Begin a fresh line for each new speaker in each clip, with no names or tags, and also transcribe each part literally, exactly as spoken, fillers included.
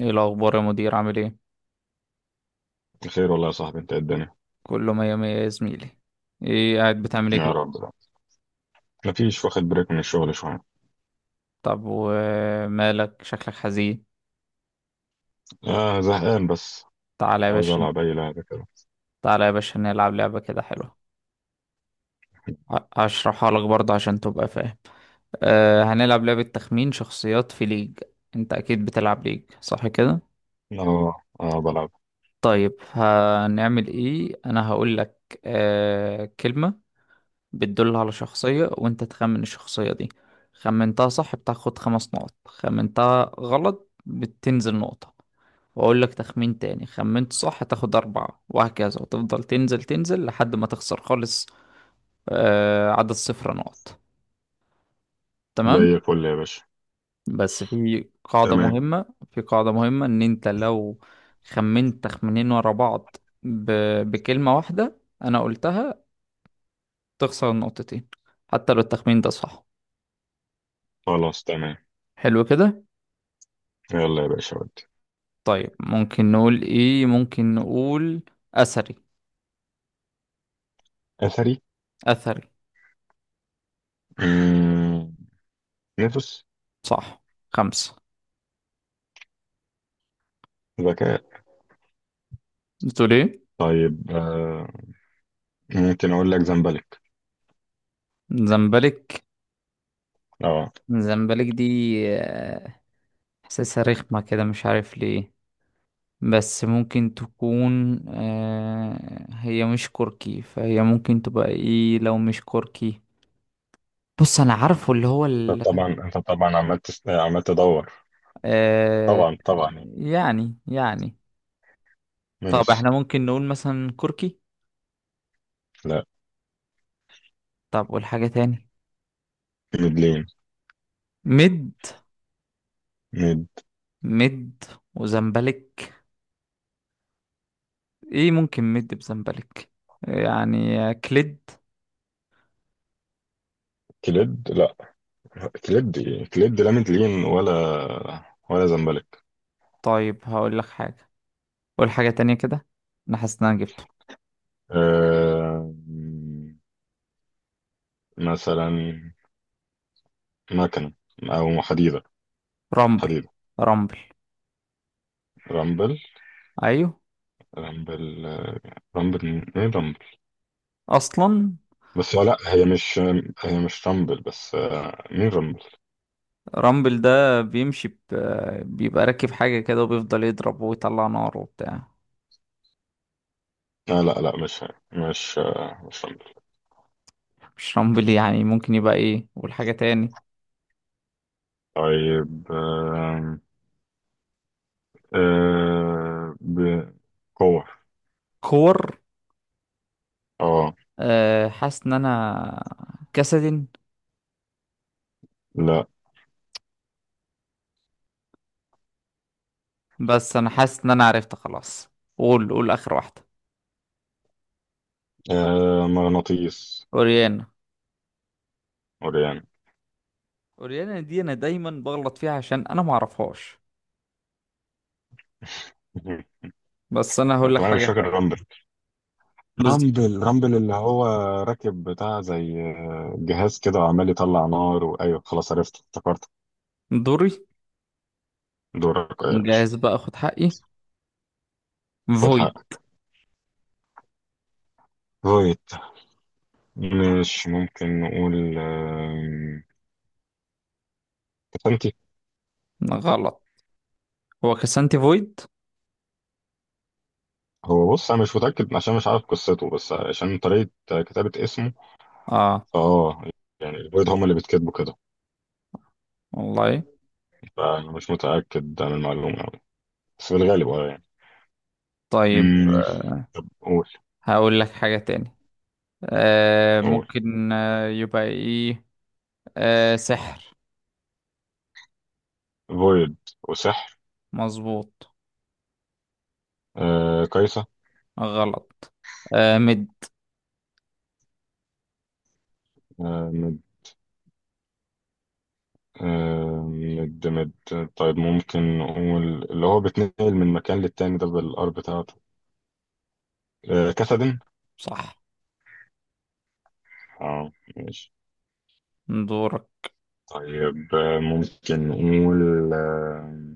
ايه الاخبار يا مدير؟ عامل ايه؟
بخير والله يا صاحبي، انت ايه الدنيا؟
كله مية مية يا زميلي. ايه قاعد بتعمل ايه
يا
كده؟
رب ده، مفيش واخد بريك من الشغل شوية.
طب ومالك شكلك حزين؟
آه، زهقان بس.
تعالى يا
عاوز
باشا.
ألعب أي لعبة كده.
تعالى يا باشا نلعب لعبة كده حلوة. ه- هشرحها لك برضه عشان تبقى فاهم. أه هنلعب لعبة تخمين شخصيات في ليج. انت اكيد بتلعب ليج، صح كده؟
اه اه، بلعب.
طيب هنعمل ايه؟ انا هقول لك أه كلمة بتدل على شخصية، وانت تخمن الشخصية دي. خمنتها صح بتاخد خمس نقط، خمنتها غلط بتنزل نقطة، واقول لك تخمين تاني. خمنت صح تاخد أربعة، وهكذا، وتفضل تنزل تنزل لحد ما تخسر خالص. آه، عدد صفر نقط. تمام.
زي الفل يا باشا.
بس في قاعدة
تمام.
مهمة. في قاعدة مهمة، ان انت لو خمنت تخمينين ورا بعض ب... بكلمة واحدة انا قلتها، تخسر النقطتين حتى لو التخمين ده صح.
خلاص، تمام.
حلو كده.
يلا يا باشا ودي.
طيب ممكن نقول ايه؟ ممكن نقول اثري.
أثري.
اثري.
مم، نفس.
صح. خمسة.
ذكاء.
بتقول ايه؟
طيب، آه ممكن أقول لك زمبلك.
زمبلك.
اه.
زمبلك دي، آه، احساسها رخمة كده مش عارف ليه. بس ممكن تكون، آه، هي مش كركي، فهي ممكن تبقى ايه لو مش كركي؟ بص انا عارفه، اللي هو
انت
ال...
طبعا انت طبعا عمال تس... عمال تدور.
آه،
طبعا طبعا يعني.
يعني يعني. طب
ماشي.
احنا ممكن نقول مثلا كركي.
لا،
طب والحاجة تاني؟
ميدلين،
مد.
ميد،
مد وزمبلك. ايه ممكن مد بزنبلك؟ يعني كليد.
كليد. لا، كليد. كليد، لا ميدلين ولا ولا زمبلك.
طيب هقول لك حاجة، قول حاجة تانية كده. انا حاسس ان انا جبته.
أه... مثلا مكنة، أو حديدة.
رامبل.
حديدة.
رامبل.
رامبل.
ايوه.
رامبل، آه، رامبل. مين رامبل؟
اصلا
بس لا، هي مش هي مش رامبل. بس آه، مين رامبل؟
رامبل ده بيمشي ب... بيبقى راكب حاجة كده وبيفضل يضرب ويطلع نار وبتاع.
لا لا لا، مش هي. مش آه، مش رامبل.
مش رامبل؟ يعني ممكن يبقى ايه؟ قول حاجة تاني.
طيب، آه، آه، ب- كور.
كور.
اه.
أه، حاسس ان انا كاسدين.
لا.
بس انا حاسس ان انا عرفت خلاص. قول قول اخر واحدة.
آه، مغناطيس.
اوريانا.
وريان.
اوريانا دي انا دايما بغلط فيها عشان انا ما اعرفهاش. بس انا هقول لك
طبعا أنا مش
حاجه
فاكر
حلوه.
رامبل.
بالظبط.
رامبل، رامبل اللي هو راكب بتاع زي جهاز كده وعمال يطلع نار، وايوه خلاص عرفت، افتكرت.
دوري،
دورك يا باشا.
جاهز بقى اخد حقي.
خد
فويد.
حقك. فويت. مش ممكن نقول آم، باتانتي.
غلط. هو كسانتي فويد.
هو بص، انا مش متاكد عشان مش عارف قصته، بس عشان طريقه كتابه اسمه
اه
فاه، يعني البيض هم اللي بيتكتبوا كده.
والله.
فانا مش متاكد عن المعلومه أوي. بس بالغالب اه يعني.
طيب.
مم.
آه،
طب قول.
هقول لك حاجه تاني. آه،
قول
ممكن آه يبقى ايه؟ آه، سحر.
فويد وسحر.
مظبوط.
آه، كايسة.
غلط. آه، مد.
آه. آه، مد مد. طيب، ممكن نقول اللي هو بيتنقل من مكان للتاني ده بالار بتاعته. آه، كسدن.
صح.
اه، ماشي.
دورك.
طيب، آه، ممكن نقول آه،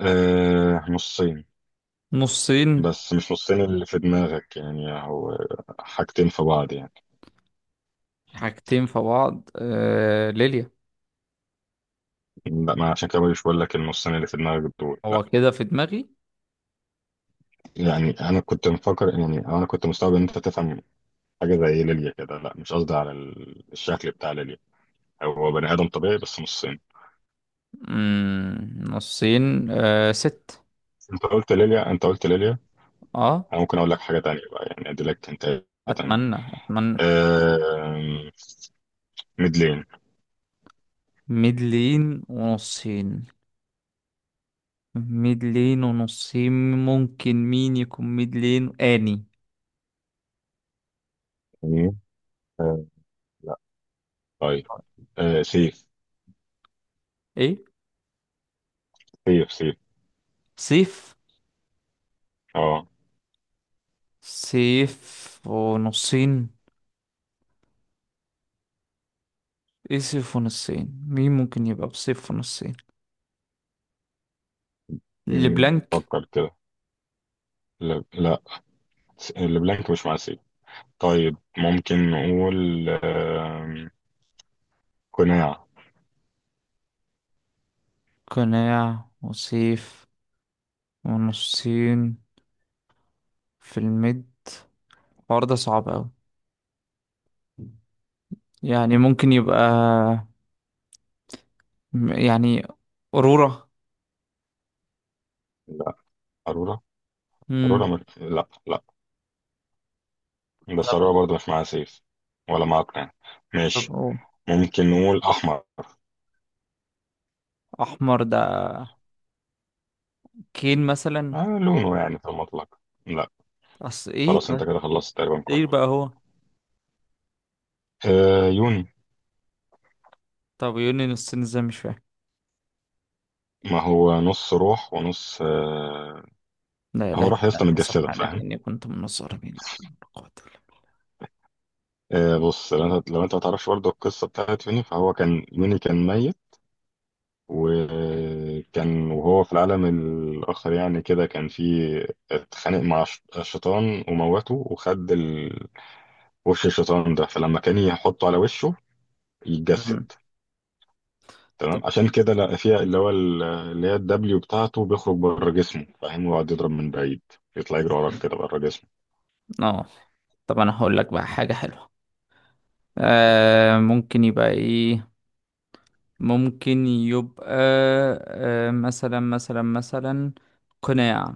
آه، نصين.
نصين.
بس مش نصين اللي في دماغك، يعني هو حاجتين في بعض يعني.
حاجتين في بعض، آه ليليا.
لا، ما عشان كده مش بقول لك النصين اللي في دماغك دول
هو
لا.
كده في دماغي.
يعني انا كنت مفكر، يعني انا كنت مستوعب ان انت تفهم حاجه زي ليليا كده. لا، مش قصدي على ال- الشكل بتاع ليليا. هو بني ادم طبيعي بس نصين.
مم، نصين، آه ست.
انت قلت ليليا، انت قلت ليليا.
اه.
انا ممكن اقول لك حاجه تانية بقى يعني، ادي لك انت. تانية.
اتمنى اتمنى.
آه... ميدلين.
ميدلين ونصين. ميدلين ونصين. ممكن مين يكون ميدلين اني؟
مم. آه... لا. طيب. آه... سيف.
ايه؟
سيف، سيف.
سيف.
اه.
سيف ونصين. ايه سيف ونصين؟ مين ممكن يبقى بسيف ونصين؟
مم،
لبلانك.
فكر كده. لا لا. س- البلانك مش مع سيف. طيب، ممكن نقول آه... قناع.
قناع وسيف ونصين في الميد، الحوار ده صعب اوي. يعني ممكن يبقى، م- يعني أورورا.
لا. أرورا. أرورا
امم.
م... لا لا. بس أرورا
طب.
برضه مش معاها سيف ولا معاها قناع. ماشي.
طب أوه.
ممكن نقول أحمر.
احمر ده، كين مثلا.
آه، لونه يعني في المطلق. لا.
اصل ايه
خلاص انت
طيب؟
كده خلصت تقريبا
ايه
كله.
بقى هو؟
آه، يوني.
طب يونين السن ازاي؟ مش فاهم.
ما هو نص روح ونص آه.
لا
هو
اله
روح يا
الا
اسطى
انت
متجسدة،
سبحانك
فاهم؟
اني كنت من الظالمين، لا حول ولا قوة الا
آه بص، لو انت لو انت ما تعرفش برضه القصة بتاعت يوني، فهو كان يوني كان ميت. وكان وهو في العالم الآخر يعني كده، كان في، اتخانق مع ش- الشيطان وموته، وخد ال... وش الشيطان ده. فلما كان يحطه على وشه
بالله.
يتجسد.
أمم. طب.
تمام، عشان كده لقى فيها اللي هو، ال- اللي هي الدبليو بتاعته بيخرج بره جسمه، فاهم؟ ويقعد يضرب من بعيد، يطلع يجري وراك كده بره جسمه.
اه. طب انا هقول لك بقى حاجة حلوة. آه، ممكن يبقى ايه؟ ممكن يبقى، آه، مثلا مثلا مثلا قناع.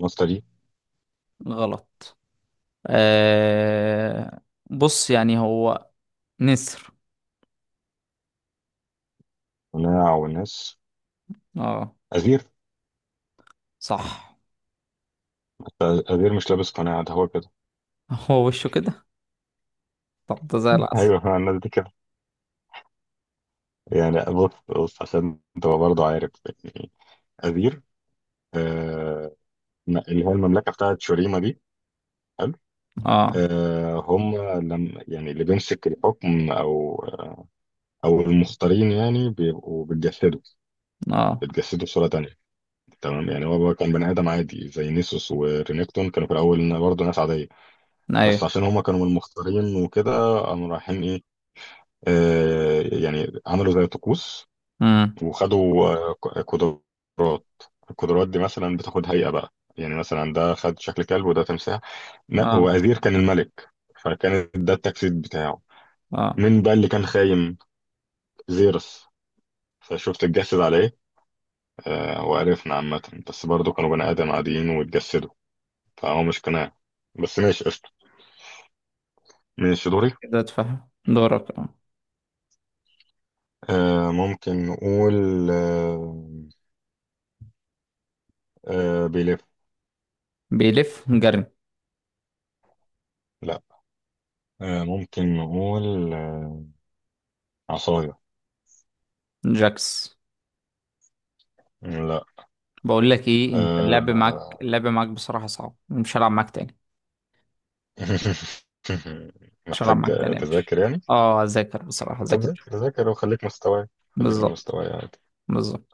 الناس دي.
غلط. آه، بص يعني هو نسر.
قناع والناس.
اه.
أزير.
صح.
أزير مش لابس قناع، ده هو كده.
هو وشه كده. طب ده زي العسل.
أيوه، مع الناس دي كده. يعني بص بص عشان تبقى برضه عارف، يعني أزير، آه، اللي هي المملكة بتاعت شوريما دي. حلو.
اه.
آه، هم لم يعني اللي بيمسك الحكم، أو أو المختارين، يعني بيبقوا بيتجسدوا.
اه.
بيتجسدوا بصورة تانية. تمام، يعني هو كان بني آدم عادي زي نيسوس ورينيكتون، كانوا في الأول برضه ناس عادية. بس
ايوه.
عشان هم كانوا من المختارين وكده قاموا رايحين إيه، آه، يعني عملوا زي طقوس،
امم
وخدوا آه، ق- قدرات. القدرات دي مثلا بتاخد هيئة بقى، يعني مثلا ده خد شكل كلب، وده تمساح. لا، هو
اه.
أزير كان الملك، فكان ده التجسيد بتاعه.
اه،
مين بقى اللي كان خايم؟ زيرس، فشفت اتجسد عليه. آه، وعرفنا عامة، بس برضه كانوا بني آدم عاديين واتجسدوا. فهو مش قناع. بس ماشي، قشطة. ماشي، دوري.
كده اتفهم. دورك اه.
آه، ممكن نقول آه، آه، بيلف.
بيلف جري.
لا. آه، ممكن نقول آه، عصاية.
جاكس.
مم، لا.
بقول لك ايه، انت، اللعب معاك
آه.
اللعب معاك بصراحة صعب، مش هلعب معاك تاني. مش هلعب
محتاج
معاك تاني يا باشا.
تذاكر يعني.
اه، اذاكر بصراحة،
طب
اذاكر.
ذاكر، ذاكر، وخليك مستواي، خليك من
بالظبط.
مستواي.
بالظبط.